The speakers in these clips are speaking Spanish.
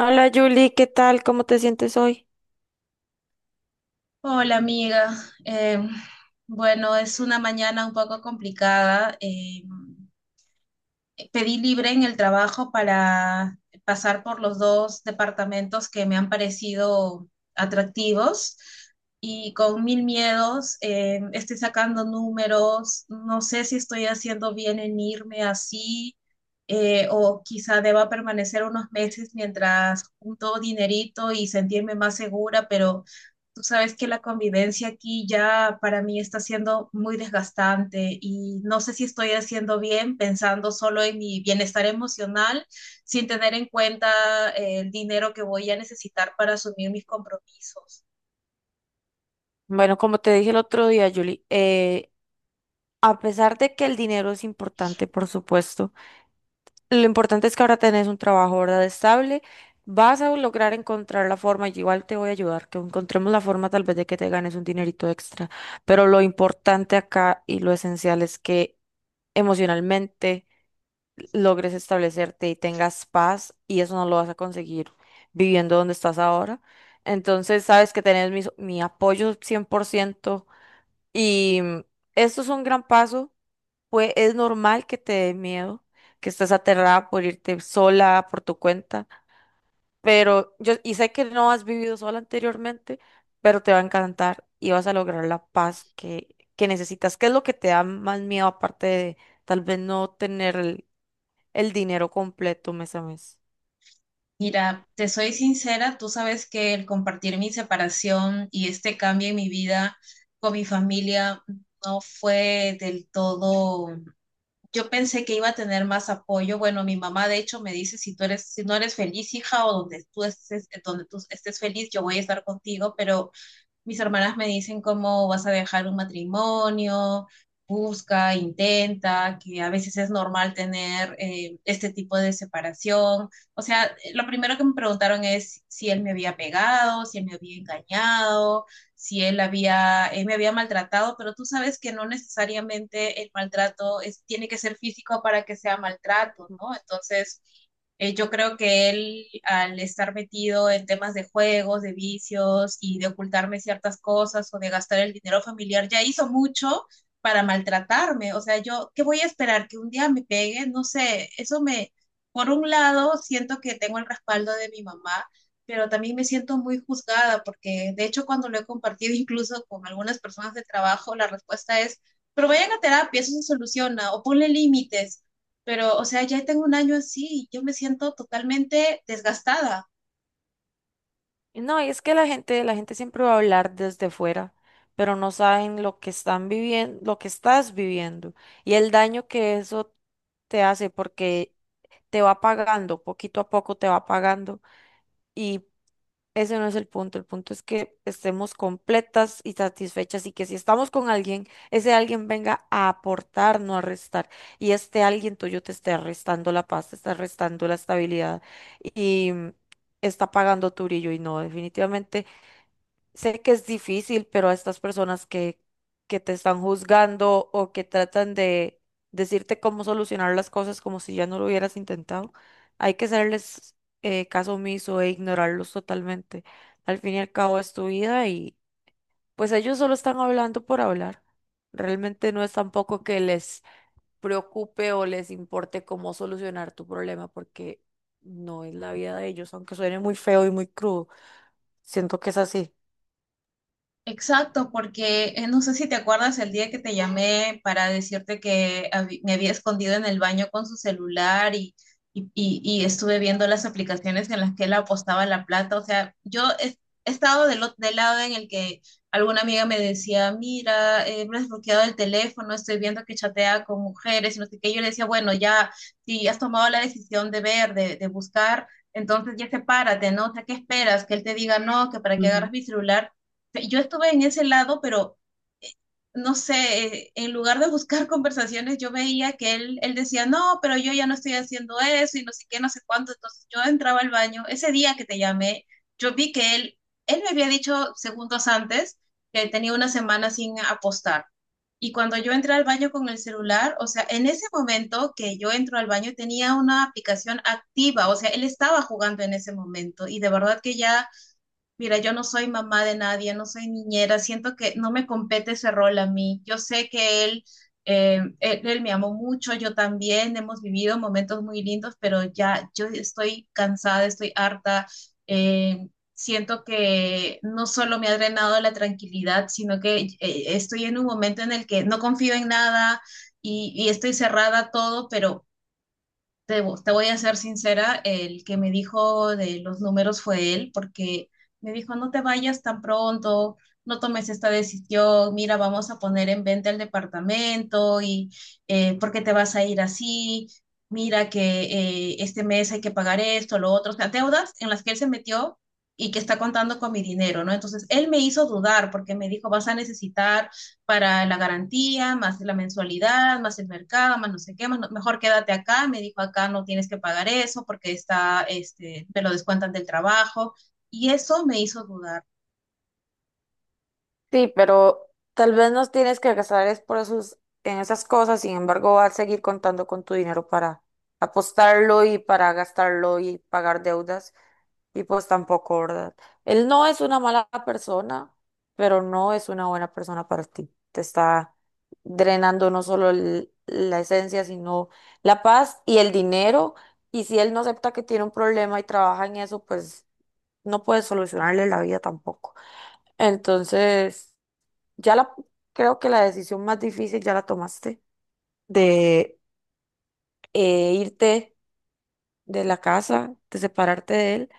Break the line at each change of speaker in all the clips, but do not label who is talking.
Hola Julie, ¿qué tal? ¿Cómo te sientes hoy?
Hola amiga. Em, bueno, es una mañana un poco complicada. Pedí libre en el trabajo para pasar por los dos departamentos que me han parecido atractivos y con mil miedos estoy sacando números, no sé si estoy haciendo bien en irme así, o quizá deba permanecer unos meses mientras junto dinerito y sentirme más segura, pero... Tú sabes que la convivencia aquí ya para mí está siendo muy desgastante y no sé si estoy haciendo bien pensando solo en mi bienestar emocional sin tener en cuenta, el dinero que voy a necesitar para asumir mis compromisos.
Bueno, como te dije el otro día, Julie, a pesar de que el dinero es importante, por supuesto, lo importante es que ahora tenés un trabajo, ¿verdad? Estable, vas a lograr encontrar la forma, yo igual te voy a ayudar, que encontremos la forma tal vez de que te ganes un dinerito extra, pero lo importante acá y lo esencial es que emocionalmente logres establecerte y tengas paz, y eso no lo vas a conseguir viviendo donde estás ahora. Entonces, sabes que tenés mi apoyo 100% y esto es un gran paso, pues es normal que te dé miedo, que estés aterrada por irte sola por tu cuenta, pero yo sé que no has vivido sola anteriormente, pero te va a encantar y vas a lograr la paz que necesitas. ¿Qué es lo que te da más miedo aparte de tal vez no tener el dinero completo mes a mes?
Mira, te soy sincera, tú sabes que el compartir mi separación y este cambio en mi vida con mi familia no fue del todo. Yo pensé que iba a tener más apoyo. Bueno, mi mamá de hecho me dice, si tú eres, si no eres feliz, hija, o donde tú estés feliz, yo voy a estar contigo, pero mis hermanas me dicen cómo vas a dejar un matrimonio, busca, intenta, que a veces es normal tener, este tipo de separación. O sea, lo primero que me preguntaron es si él me había pegado, si él me había engañado, si él había, él me había maltratado, pero tú sabes que no necesariamente el maltrato es, tiene que ser físico para que sea maltrato, ¿no? Entonces, yo creo que él, al estar metido en temas de juegos, de vicios y de ocultarme ciertas cosas o de gastar el dinero familiar, ya hizo mucho para maltratarme. O sea, yo, ¿qué voy a esperar? ¿Que un día me pegue? No sé, eso me, por un lado, siento que tengo el respaldo de mi mamá, pero también me siento muy juzgada porque, de hecho, cuando lo he compartido incluso con algunas personas de trabajo, la respuesta es, pero vayan a terapia, eso se soluciona, o ponle límites, pero, o sea, ya tengo un año así, y yo me siento totalmente desgastada.
Y no, y es que la gente siempre va a hablar desde fuera, pero no saben lo que están viviendo, lo que estás viviendo y el daño que eso te hace porque te va pagando, poquito a poco te va pagando. y Ese no es el punto es que estemos completas y satisfechas y que si estamos con alguien, ese alguien venga a aportar, no a restar. Y este alguien tuyo te esté restando la paz, te está restando la estabilidad y está pagando tu brillo. Y no, definitivamente. Sé que es difícil, pero a estas personas que te están juzgando o que tratan de decirte cómo solucionar las cosas como si ya no lo hubieras intentado, hay que hacerles caso omiso e ignorarlos totalmente. Al fin y al cabo es tu vida y pues ellos solo están hablando por hablar. Realmente no es tampoco que les preocupe o les importe cómo solucionar tu problema porque no es la vida de ellos, aunque suene muy feo y muy crudo. Siento que es así.
Exacto, porque no sé si te acuerdas el día que te llamé para decirte que me había escondido en el baño con su celular y estuve viendo las aplicaciones en las que él apostaba la plata. O sea, yo he, he estado del, del lado en el que alguna amiga me decía, mira, me has bloqueado el teléfono, estoy viendo que chatea con mujeres y no sé qué. Yo le decía, bueno, ya, si has tomado la decisión de ver, de buscar, entonces ya sepárate, ¿no? O sea, ¿qué esperas? Que él te diga, no, que para qué agarras mi celular. Yo estuve en ese lado, pero no sé, en lugar de buscar conversaciones, yo veía que él decía, no, pero yo ya no estoy haciendo eso y no sé qué, no sé cuánto. Entonces yo entraba al baño, ese día que te llamé, yo vi que él me había dicho segundos antes que tenía una semana sin apostar. Y cuando yo entré al baño con el celular, o sea, en ese momento que yo entro al baño tenía una aplicación activa, o sea, él estaba jugando en ese momento y de verdad que ya... Mira, yo no soy mamá de nadie, no soy niñera, siento que no me compete ese rol a mí. Yo sé que él, él me amó mucho, yo también, hemos vivido momentos muy lindos, pero ya yo estoy cansada, estoy harta. eh, Siento que no solo me ha drenado la tranquilidad, sino que, estoy en un momento en el que no confío en nada y estoy cerrada a todo, pero te, te voy a ser sincera, el que me dijo de los números fue él, porque me dijo, no te vayas tan pronto, no tomes esta decisión, mira, vamos a poner en venta el departamento y, ¿por qué te vas a ir así? Mira que, este mes hay que pagar esto, lo otro, o sea, deudas en las que él se metió y que está contando con mi dinero, ¿no? Entonces, él me hizo dudar porque me dijo, vas a necesitar para la garantía, más la mensualidad, más el mercado, más no sé qué, más mejor quédate acá, me dijo acá no tienes que pagar eso porque está, este, me lo descuentan del trabajo y eso me hizo dudar.
Sí, pero tal vez no tienes que gastar es por esos, en esas cosas, sin embargo, vas a seguir contando con tu dinero para apostarlo y para gastarlo y pagar deudas, y pues tampoco, ¿verdad? Él no es una mala persona, pero no es una buena persona para ti. Te está drenando no solo la esencia, sino la paz y el dinero, y si él no acepta que tiene un problema y trabaja en eso, pues no puedes solucionarle la vida tampoco. Entonces… Ya la, creo que la decisión más difícil ya la tomaste, de irte de la casa, de separarte de él.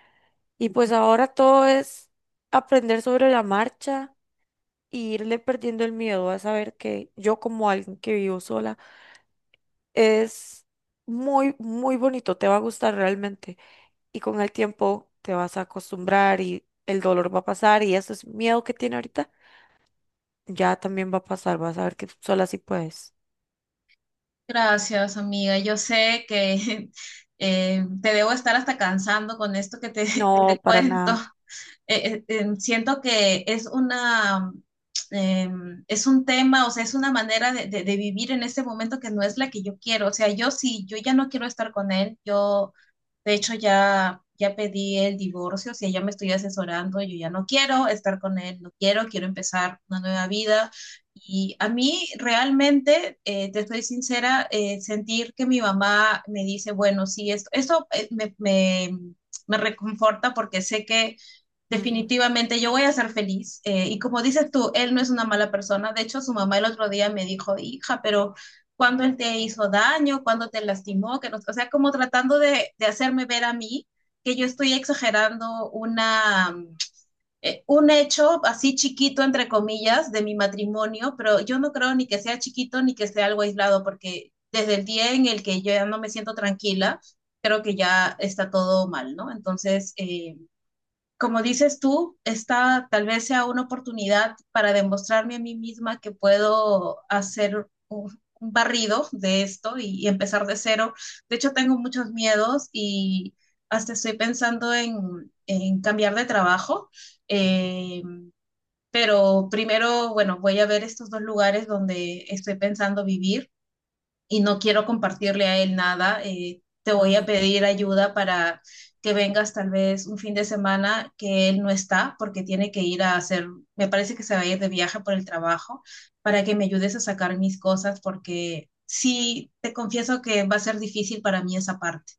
Y pues ahora todo es aprender sobre la marcha e irle perdiendo el miedo a saber que yo como alguien que vivo sola es muy, muy bonito, te va a gustar realmente. Y con el tiempo te vas a acostumbrar y el dolor va a pasar y ese miedo que tiene ahorita ya también va a pasar, vas a ver que sola sí puedes.
Gracias, amiga. Yo sé que te debo estar hasta cansando con esto que que te
No, para
cuento.
nada.
Siento que es una, eh, es un tema, o sea, es una manera de, de vivir en este momento que no es la que yo quiero. O sea, yo sí, yo ya no quiero estar con él. Yo, de hecho, ya pedí el divorcio, o sea, ya me estoy asesorando, yo ya no quiero estar con él, no quiero, quiero empezar una nueva vida. Y a mí realmente, te estoy sincera, sentir que mi mamá me dice, bueno, sí, esto, me reconforta porque sé que
Ujú.
definitivamente yo voy a ser feliz. Y como dices tú, él no es una mala persona. De hecho, su mamá el otro día me dijo, hija, pero cuando él te hizo daño, cuando te lastimó, que no, o sea, como tratando de hacerme ver a mí que yo estoy exagerando una, un hecho así chiquito, entre comillas, de mi matrimonio, pero yo no creo ni que sea chiquito ni que sea algo aislado, porque desde el día en el que yo ya no me siento tranquila, creo que ya está todo mal, ¿no? Entonces, como dices tú, esta tal vez sea una oportunidad para demostrarme a mí misma que puedo hacer un barrido de esto y empezar de cero. De hecho, tengo muchos miedos y hasta estoy pensando en cambiar de trabajo. Eh, pero primero, bueno, voy a ver estos dos lugares donde estoy pensando vivir y no quiero compartirle a él nada. Te voy a
Ajá.
pedir ayuda para que vengas tal vez un fin de semana que él no está porque tiene que ir a hacer, me parece que se va a ir de viaje por el trabajo, para que me ayudes a sacar mis cosas porque sí, te confieso que va a ser difícil para mí esa parte.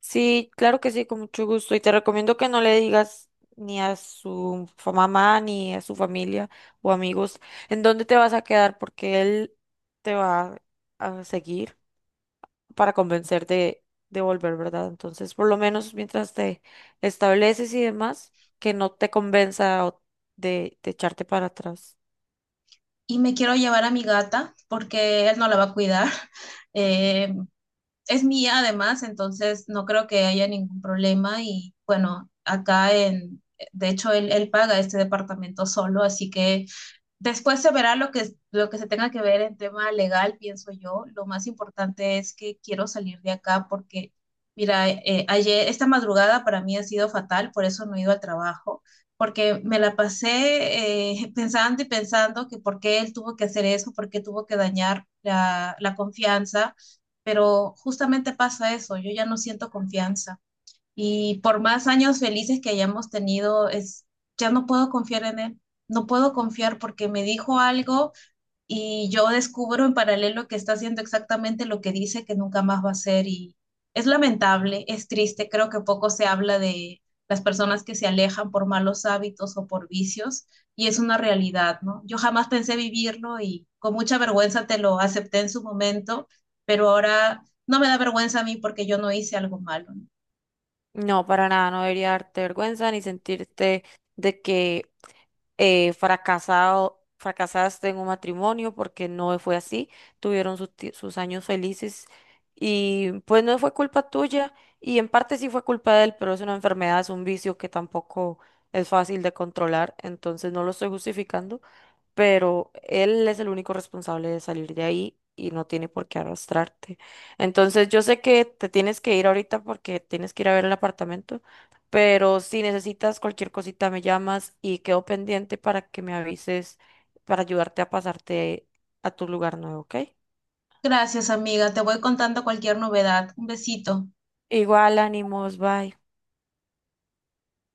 Sí, claro que sí, con mucho gusto. Y te recomiendo que no le digas ni a su mamá, ni a su familia o amigos en dónde te vas a quedar, porque él te va a seguir para convencerte de volver, ¿verdad? Entonces, por lo menos mientras te estableces y demás, que no te convenza o de echarte para atrás.
Y me quiero llevar a mi gata porque él no la va a cuidar. Eh, es mía además, entonces no creo que haya ningún problema y bueno, acá en, de hecho él, él paga este departamento solo, así que... Después se verá lo que se tenga que ver en tema legal, pienso yo. Lo más importante es que quiero salir de acá porque, mira, ayer, esta madrugada para mí ha sido fatal, por eso no he ido al trabajo, porque me la pasé pensando y pensando que por qué él tuvo que hacer eso, por qué tuvo que dañar la confianza, pero justamente pasa eso, yo ya no siento confianza. Y por más años felices que hayamos tenido, es, ya no puedo confiar en él. No puedo confiar porque me dijo algo y yo descubro en paralelo que está haciendo exactamente lo que dice que nunca más va a hacer. Y es lamentable, es triste. Creo que poco se habla de las personas que se alejan por malos hábitos o por vicios. Y es una realidad, ¿no? Yo jamás pensé vivirlo y con mucha vergüenza te lo acepté en su momento, pero ahora no me da vergüenza a mí porque yo no hice algo malo, ¿no?
No, para nada, no debería darte vergüenza ni sentirte de que fracasaste en un matrimonio porque no fue así, tuvieron sus, sus años felices y pues no fue culpa tuya y en parte sí fue culpa de él, pero es una enfermedad, es un vicio que tampoco es fácil de controlar, entonces no lo estoy justificando, pero él es el único responsable de salir de ahí y no tiene por qué arrastrarte. Entonces, yo sé que te tienes que ir ahorita porque tienes que ir a ver el apartamento, pero si necesitas cualquier cosita me llamas y quedo pendiente para que me avises para ayudarte a pasarte a tu lugar nuevo, ¿ok?
Gracias, amiga. Te voy contando cualquier novedad. Un besito.
Igual, ánimos, bye.